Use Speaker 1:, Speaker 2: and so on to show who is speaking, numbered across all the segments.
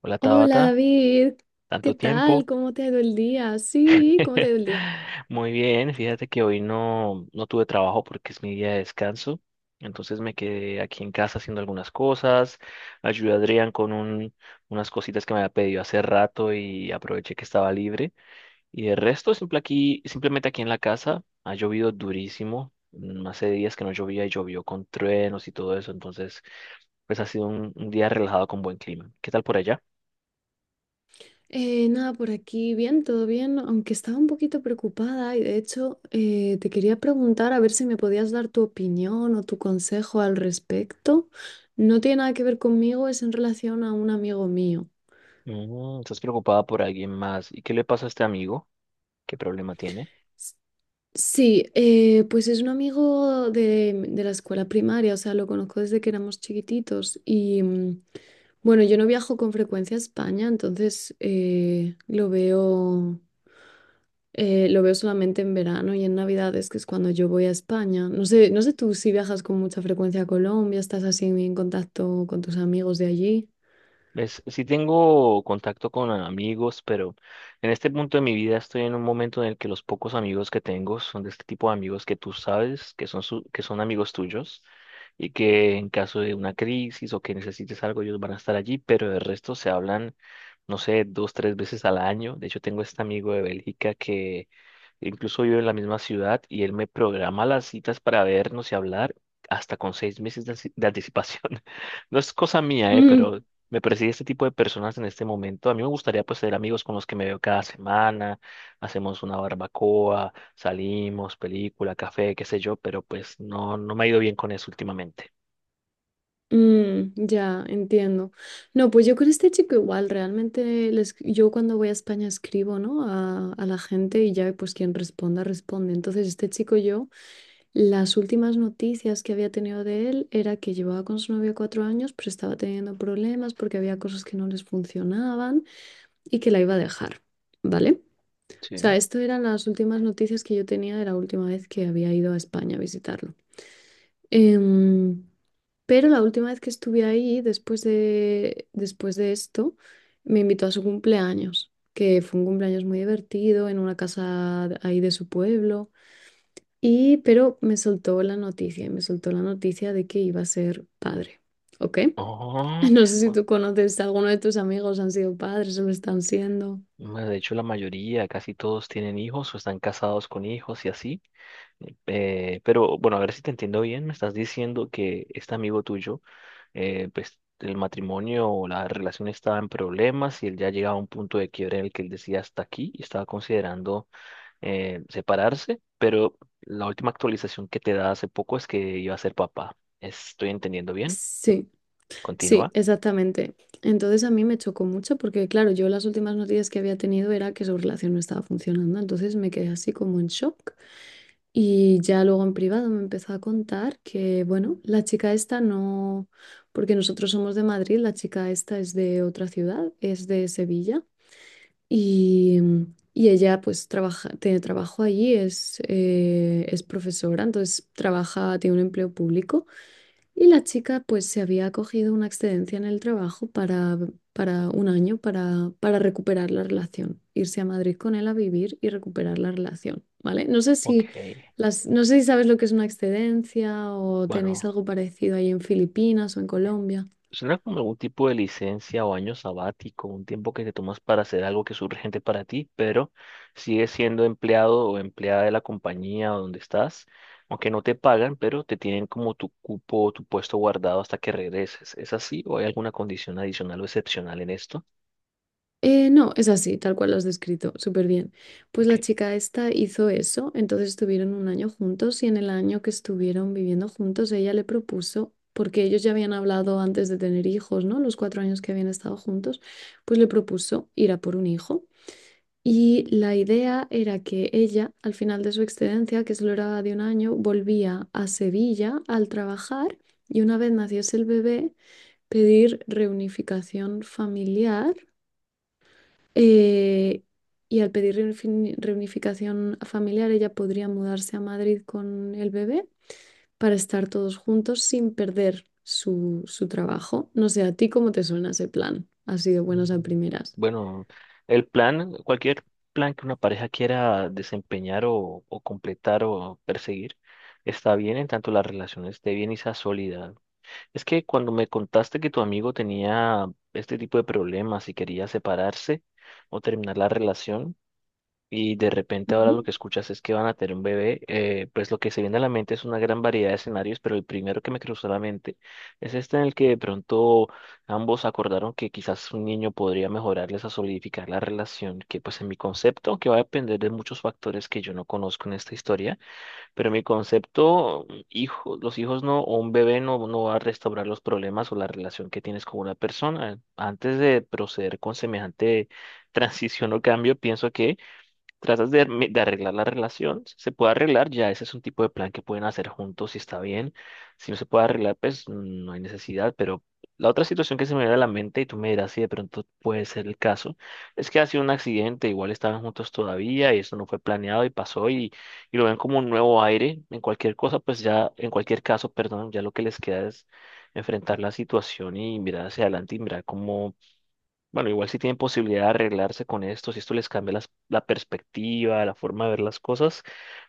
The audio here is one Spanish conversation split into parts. Speaker 1: Hola
Speaker 2: Hola
Speaker 1: Tabata,
Speaker 2: David, ¿qué
Speaker 1: tanto
Speaker 2: tal?
Speaker 1: tiempo.
Speaker 2: ¿Cómo te ha ido el día? Sí, ¿cómo te ha ido el día?
Speaker 1: Muy bien, fíjate que hoy no tuve trabajo porque es mi día de descanso, entonces me quedé aquí en casa haciendo algunas cosas, ayudé a Adrián con unas cositas que me había pedido hace rato y aproveché que estaba libre. Y de resto, simplemente aquí en la casa, ha llovido durísimo, hace días que no llovía y llovió con truenos y todo eso, entonces pues ha sido un día relajado con buen clima. ¿Qué tal por allá?
Speaker 2: Nada, por aquí bien, todo bien, aunque estaba un poquito preocupada y de hecho te quería preguntar a ver si me podías dar tu opinión o tu consejo al respecto. No tiene nada que ver conmigo, es en relación a un amigo mío.
Speaker 1: Mm, estás preocupada por alguien más. ¿Y qué le pasa a este amigo? ¿Qué problema tiene?
Speaker 2: Sí, pues es un amigo de la escuela primaria, o sea, lo conozco desde que éramos chiquititos y bueno, yo no viajo con frecuencia a España, entonces lo veo solamente en verano y en Navidades, que es cuando yo voy a España. No sé tú si viajas con mucha frecuencia a Colombia, estás así en contacto con tus amigos de allí.
Speaker 1: ¿Ves? Sí tengo contacto con amigos, pero en este punto de mi vida estoy en un momento en el que los pocos amigos que tengo son de este tipo de amigos que tú sabes que son, que son amigos tuyos y que en caso de una crisis o que necesites algo ellos van a estar allí, pero el resto se hablan, no sé, dos, tres veces al año. De hecho, tengo este amigo de Bélgica que incluso vive en la misma ciudad y él me programa las citas para vernos y hablar hasta con seis meses de anticipación. No es cosa mía, pero me persigue este tipo de personas en este momento. A mí me gustaría pues ser amigos con los que me veo cada semana, hacemos una barbacoa, salimos, película, café, qué sé yo, pero pues no me ha ido bien con eso últimamente.
Speaker 2: Mm, ya, entiendo. No, pues yo con este chico igual, yo cuando voy a España escribo, ¿no? A la gente y ya pues quien responda, responde. Entonces este chico yo, las últimas noticias que había tenido de él era que llevaba con su novia 4 años, pero estaba teniendo problemas porque había cosas que no les funcionaban y que la iba a dejar, ¿vale? O sea,
Speaker 1: Sí.
Speaker 2: esto eran las últimas noticias que yo tenía de la última vez que había ido a España a visitarlo. Em, pero la última vez que estuve ahí, después de esto, me invitó a su cumpleaños, que fue un cumpleaños muy divertido en una ahí de su pueblo. Y me soltó la noticia de que iba a ser padre. ¿Ok?
Speaker 1: Oh,
Speaker 2: No sé si
Speaker 1: bu-
Speaker 2: tú conoces, alguno de tus amigos han sido padres o lo están siendo.
Speaker 1: bueno, de hecho la mayoría, casi todos tienen hijos o están casados con hijos y así. Pero bueno, a ver si te entiendo bien, me estás diciendo que este amigo tuyo, pues el matrimonio o la relación estaba en problemas y él ya llegaba a un punto de quiebre en el que él decía hasta aquí y estaba considerando separarse, pero la última actualización que te da hace poco es que iba a ser papá. ¿Estoy entendiendo bien?
Speaker 2: Sí, sí,
Speaker 1: Continúa.
Speaker 2: exactamente. Entonces a mí me chocó mucho porque, claro, yo las últimas noticias que había tenido era que su relación no estaba funcionando, entonces me quedé así como en shock. Y ya luego en privado me empezó a contar que, bueno, la chica esta no, porque nosotros somos de Madrid, la chica esta es de otra ciudad, es de Sevilla. Y, y ella pues trabaja, tiene trabajo allí, es profesora, entonces trabaja, tiene un empleo público. Y la chica pues se había cogido una excedencia en el trabajo para un año para recuperar la relación, irse a Madrid con él a vivir y recuperar la relación, ¿vale?
Speaker 1: Ok,
Speaker 2: No sé si sabes lo que es una excedencia o tenéis
Speaker 1: bueno.
Speaker 2: algo parecido ahí en Filipinas o en Colombia.
Speaker 1: Suena como algún tipo de licencia o año sabático, un tiempo que te tomas para hacer algo que es urgente para ti, pero sigues siendo empleado o empleada de la compañía o donde estás, aunque no te pagan, pero te tienen como tu cupo o tu puesto guardado hasta que regreses. ¿Es así o hay alguna condición adicional o excepcional en esto?
Speaker 2: No, es así, tal cual lo has descrito, súper bien. Pues
Speaker 1: Ok.
Speaker 2: la chica esta hizo eso, entonces estuvieron un año juntos y en el año que estuvieron viviendo juntos ella le propuso, porque ellos ya habían hablado antes de tener hijos, ¿no? Los 4 años que habían estado juntos, pues le propuso ir a por un hijo. Y la idea era que ella, al final de su excedencia, que solo era de un año, volvía a Sevilla al trabajar y una vez naciese el bebé, pedir reunificación familiar eh, y al pedir reunificación familiar, ella podría mudarse a Madrid con el bebé para estar todos juntos sin perder su trabajo. No sé, ¿a ti cómo te suena ese plan? Así de
Speaker 1: Mm.
Speaker 2: buenas a primeras.
Speaker 1: Bueno, el plan, cualquier plan que una pareja quiera desempeñar o completar o perseguir, está bien en tanto la relación esté bien y sea sólida. Es que cuando me contaste que tu amigo tenía este tipo de problemas y quería separarse o terminar la relación y de repente ahora
Speaker 2: Ujú.
Speaker 1: lo que escuchas es que van a tener un bebé, pues lo que se viene a la mente es una gran variedad de escenarios, pero el primero que me cruzó la mente es este en el que de pronto ambos acordaron que quizás un niño podría mejorarles a solidificar la relación, que pues en mi concepto, que va a depender de muchos factores que yo no conozco en esta historia, pero en mi concepto, hijo, los hijos no, o un bebé no, no va a restaurar los problemas o la relación que tienes con una persona. Antes de proceder con semejante transición o cambio, pienso que tratas de arreglar la relación, si se puede arreglar, ya ese es un tipo de plan que pueden hacer juntos si está bien, si no se puede arreglar, pues no hay necesidad, pero la otra situación que se me viene a la mente, y tú me dirás si de pronto puede ser el caso, es que ha sido un accidente, igual estaban juntos todavía y eso no fue planeado y pasó y lo ven como un nuevo aire, en cualquier cosa, pues ya, en cualquier caso, perdón, ya lo que les queda es enfrentar la situación y mirar hacia adelante y mirar cómo bueno, igual si tienen posibilidad de arreglarse con esto, si esto les cambia la perspectiva, la forma de ver las cosas,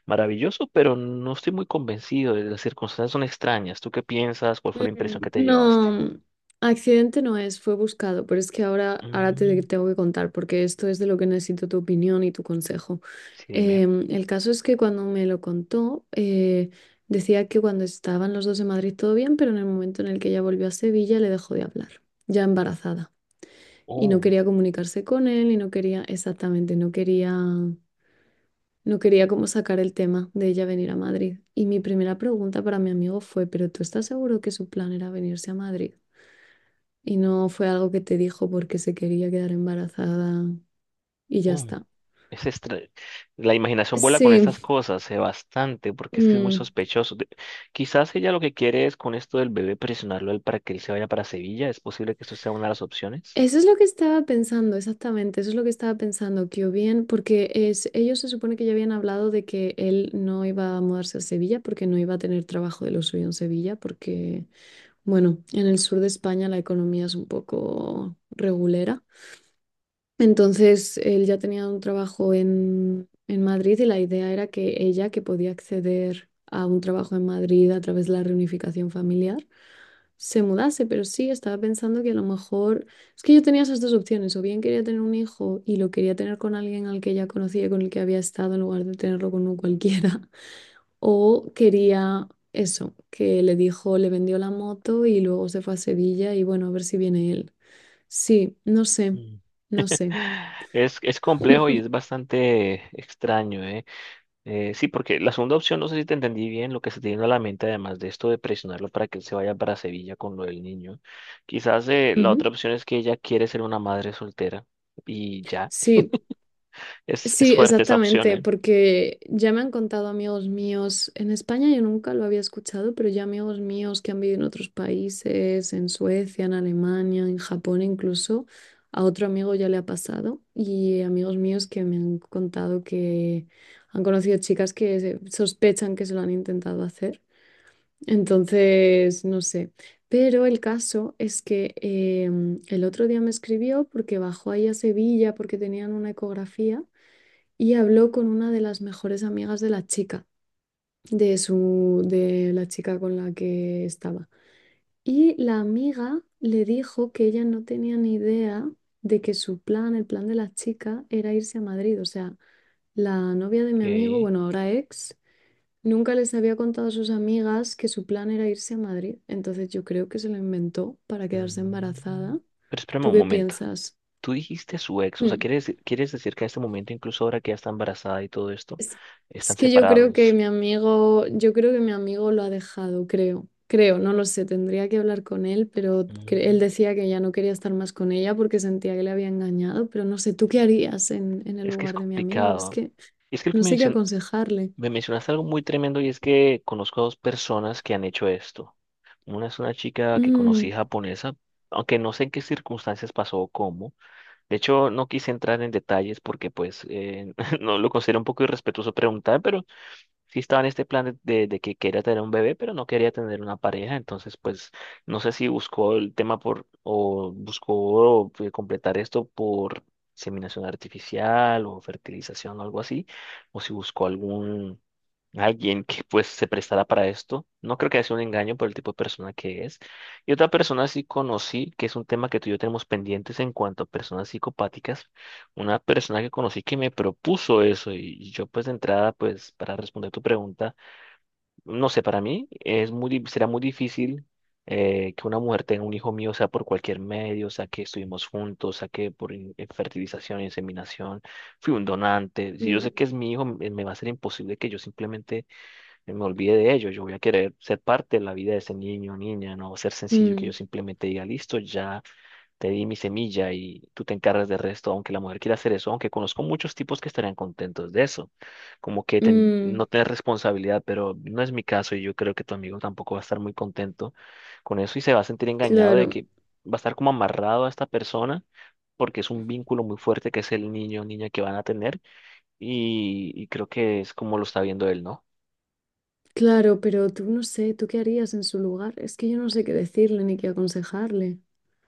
Speaker 1: maravilloso, pero no estoy muy convencido. Las circunstancias son extrañas. ¿Tú qué piensas? ¿Cuál fue la
Speaker 2: Mm,
Speaker 1: impresión que te llevaste?
Speaker 2: no, accidente no es, fue buscado, pero es que ahora, ahora te
Speaker 1: Mm,
Speaker 2: tengo que contar porque esto es de lo que necesito tu opinión y tu consejo.
Speaker 1: sí, dime.
Speaker 2: El caso es que cuando me lo contó, decía que cuando estaban los dos en Madrid todo bien, pero en el momento en el que ella volvió a Sevilla le dejó de hablar, ya embarazada. Y no
Speaker 1: Oh,
Speaker 2: quería comunicarse con él y no quería, exactamente, no quería como sacar el tema de ella venir a Madrid. Y mi primera pregunta para mi amigo fue, ¿pero tú estás seguro que su plan era venirse a Madrid? Y no fue algo que te dijo porque se quería quedar embarazada y ya
Speaker 1: oh.
Speaker 2: está.
Speaker 1: Es extra- La imaginación vuela con
Speaker 2: Sí,
Speaker 1: estas cosas, bastante, porque es que es muy
Speaker 2: mm,
Speaker 1: sospechoso. Quizás ella lo que quiere es con esto del bebé presionarlo a él para que él se vaya para Sevilla. ¿Es posible que esto sea una de las opciones?
Speaker 2: eso es lo que estaba pensando, exactamente, eso es lo que estaba pensando, que o bien, porque es, ellos se supone que ya habían hablado de que él no iba a mudarse a Sevilla porque no iba a tener trabajo de lo suyo en Sevilla, porque, bueno, en el sur de España la economía es un poco regulera. Entonces él ya tenía un trabajo en Madrid y la idea era que ella, que podía acceder a un trabajo en Madrid a través de la reunificación familiar, se mudase. Pero sí, estaba pensando que a lo mejor es que yo tenía esas dos opciones. O bien quería tener un hijo y lo quería tener con alguien al que ya conocía, y con el que había estado, en lugar de tenerlo con un cualquiera. O quería eso, que le dijo, le vendió la moto y luego se fue a Sevilla y bueno, a ver si viene él. Sí, no sé, no sé.
Speaker 1: Es complejo y es bastante extraño, ¿eh? Sí, porque la segunda opción, no sé si te entendí bien, lo que se te vino a la mente, además de esto de presionarlo para que él se vaya para Sevilla con lo del niño. Quizás la otra
Speaker 2: Ujú.
Speaker 1: opción es que ella quiere ser una madre soltera y ya.
Speaker 2: Sí,
Speaker 1: Es
Speaker 2: sí,
Speaker 1: fuerte esa opción,
Speaker 2: exactamente,
Speaker 1: ¿eh?
Speaker 2: porque ya me han contado amigos míos en España, yo nunca lo había escuchado, pero ya amigos míos que han vivido en otros países, en Suecia, en Alemania, en Japón incluso, a otro amigo ya le ha pasado y amigos míos que me han contado que han conocido chicas sospechan que se lo han intentado hacer. Entonces, no sé. Pero el caso es que el otro día me escribió porque bajó ahí a Sevilla porque tenían una ecografía y habló con una de las mejores amigas de la chica, de la chica con la que estaba. Y la amiga le dijo que ella no tenía ni idea de que su plan, el plan de la chica, era irse a Madrid. O sea, la novia de mi amigo,
Speaker 1: Ok.
Speaker 2: bueno, ahora ex. Nunca les había contado a sus amigas que su plan era irse a Madrid, entonces yo creo que se lo inventó para quedarse
Speaker 1: Mm.
Speaker 2: embarazada.
Speaker 1: Pero espérame
Speaker 2: ¿Tú
Speaker 1: un
Speaker 2: qué
Speaker 1: momento.
Speaker 2: piensas?
Speaker 1: Tú dijiste su ex, o sea,
Speaker 2: Hmm.
Speaker 1: ¿quieres, quieres decir que a este momento, incluso ahora que ya está embarazada y todo esto,
Speaker 2: Es, es
Speaker 1: están
Speaker 2: que yo creo que
Speaker 1: separados?
Speaker 2: mi amigo, yo creo que mi amigo lo ha dejado, creo. Creo, no lo sé, tendría que hablar con él, pero él
Speaker 1: Mm.
Speaker 2: decía que ya no quería estar más con ella porque sentía que le había engañado, pero no sé, ¿tú qué harías en el
Speaker 1: Es que es
Speaker 2: lugar de mi amigo? Es
Speaker 1: complicado.
Speaker 2: que
Speaker 1: Es que lo que
Speaker 2: no sé qué aconsejarle.
Speaker 1: Me mencionaste algo muy tremendo y es que conozco a dos personas que han hecho esto. Una es una chica que conocí
Speaker 2: Mm,
Speaker 1: japonesa, aunque no sé en qué circunstancias pasó o cómo. De hecho, no quise entrar en detalles porque pues no lo considero un poco irrespetuoso preguntar, pero sí estaba en este plan de que quería tener un bebé, pero no quería tener una pareja, entonces pues no sé si buscó el tema por, o buscó completar esto por inseminación artificial o fertilización o algo así, o si buscó algún, alguien que pues se prestara para esto. No creo que sea un engaño por el tipo de persona que es. Y otra persona sí conocí, que es un tema que tú y yo tenemos pendientes en cuanto a personas psicopáticas, una persona que conocí que me propuso eso y yo pues de entrada pues para responder tu pregunta, no sé, para mí es será muy difícil que una mujer tenga un hijo mío, o sea por cualquier medio, o sea que estuvimos juntos, o sea que por fertilización, inseminación, fui un donante, si yo
Speaker 2: mm,
Speaker 1: sé que es mi hijo, me va a ser imposible que yo simplemente me olvide de ello, yo voy a querer ser parte de la vida de ese niño o niña, no va a ser sencillo que yo
Speaker 2: mm,
Speaker 1: simplemente diga, listo, ya te di mi semilla y tú te encargas del resto, aunque la mujer quiera hacer eso, aunque conozco muchos tipos que estarían contentos de eso, como que no
Speaker 2: mm,
Speaker 1: tener responsabilidad, pero no es mi caso y yo creo que tu amigo tampoco va a estar muy contento con eso y se va a sentir engañado de
Speaker 2: claro.
Speaker 1: que va a estar como amarrado a esta persona porque es un vínculo muy fuerte que es el niño o niña que van a tener y creo que es como lo está viendo él, ¿no?
Speaker 2: Claro, pero tú no sé, ¿tú qué harías en su lugar? Es que yo no sé qué decirle ni qué aconsejarle.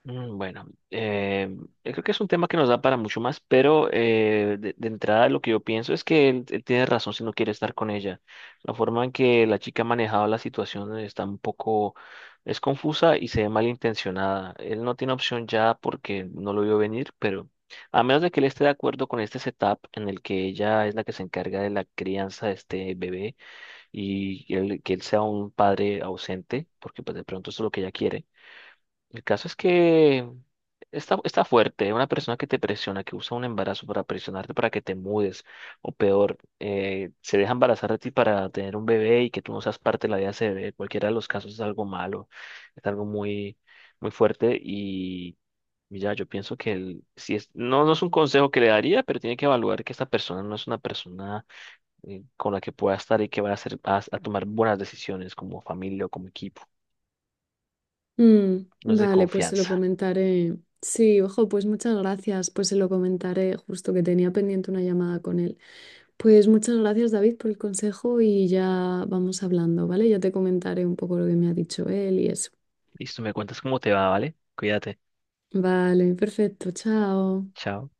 Speaker 1: Mm, bueno, yo creo que es un tema que nos da para mucho más, pero de entrada lo que yo pienso es que él tiene razón si no quiere estar con ella. La forma en que la chica ha manejado la situación está un poco, es confusa y se ve malintencionada. Él no tiene opción ya porque no lo vio venir, pero a menos de que él esté de acuerdo con este setup en el que ella es la que se encarga de la crianza de este bebé y que él sea un padre ausente, porque pues de pronto eso es lo que ella quiere. El caso es que está, está fuerte. Una persona que te presiona, que usa un embarazo para presionarte para que te mudes, o peor, se deja embarazar de ti para tener un bebé y que tú no seas parte de la vida de ese bebé. Cualquiera de los casos es algo malo, es algo muy, muy fuerte y ya yo pienso que no, no es un consejo que le daría, pero tiene que evaluar que esta persona no es una persona con la que pueda estar y que vaya a, hacer, a tomar buenas decisiones como familia o como equipo.
Speaker 2: Mm,
Speaker 1: No es de
Speaker 2: vale, pues se lo
Speaker 1: confianza.
Speaker 2: comentaré. Sí, ojo, pues muchas gracias, pues se lo comentaré, justo que tenía pendiente una llamada con él. Pues muchas gracias, David, por el consejo y ya vamos hablando, ¿vale? Ya te comentaré un poco lo que me ha dicho él y eso.
Speaker 1: Listo, me cuentas cómo te va, ¿vale? Cuídate.
Speaker 2: Vale, perfecto, chao.
Speaker 1: Chao.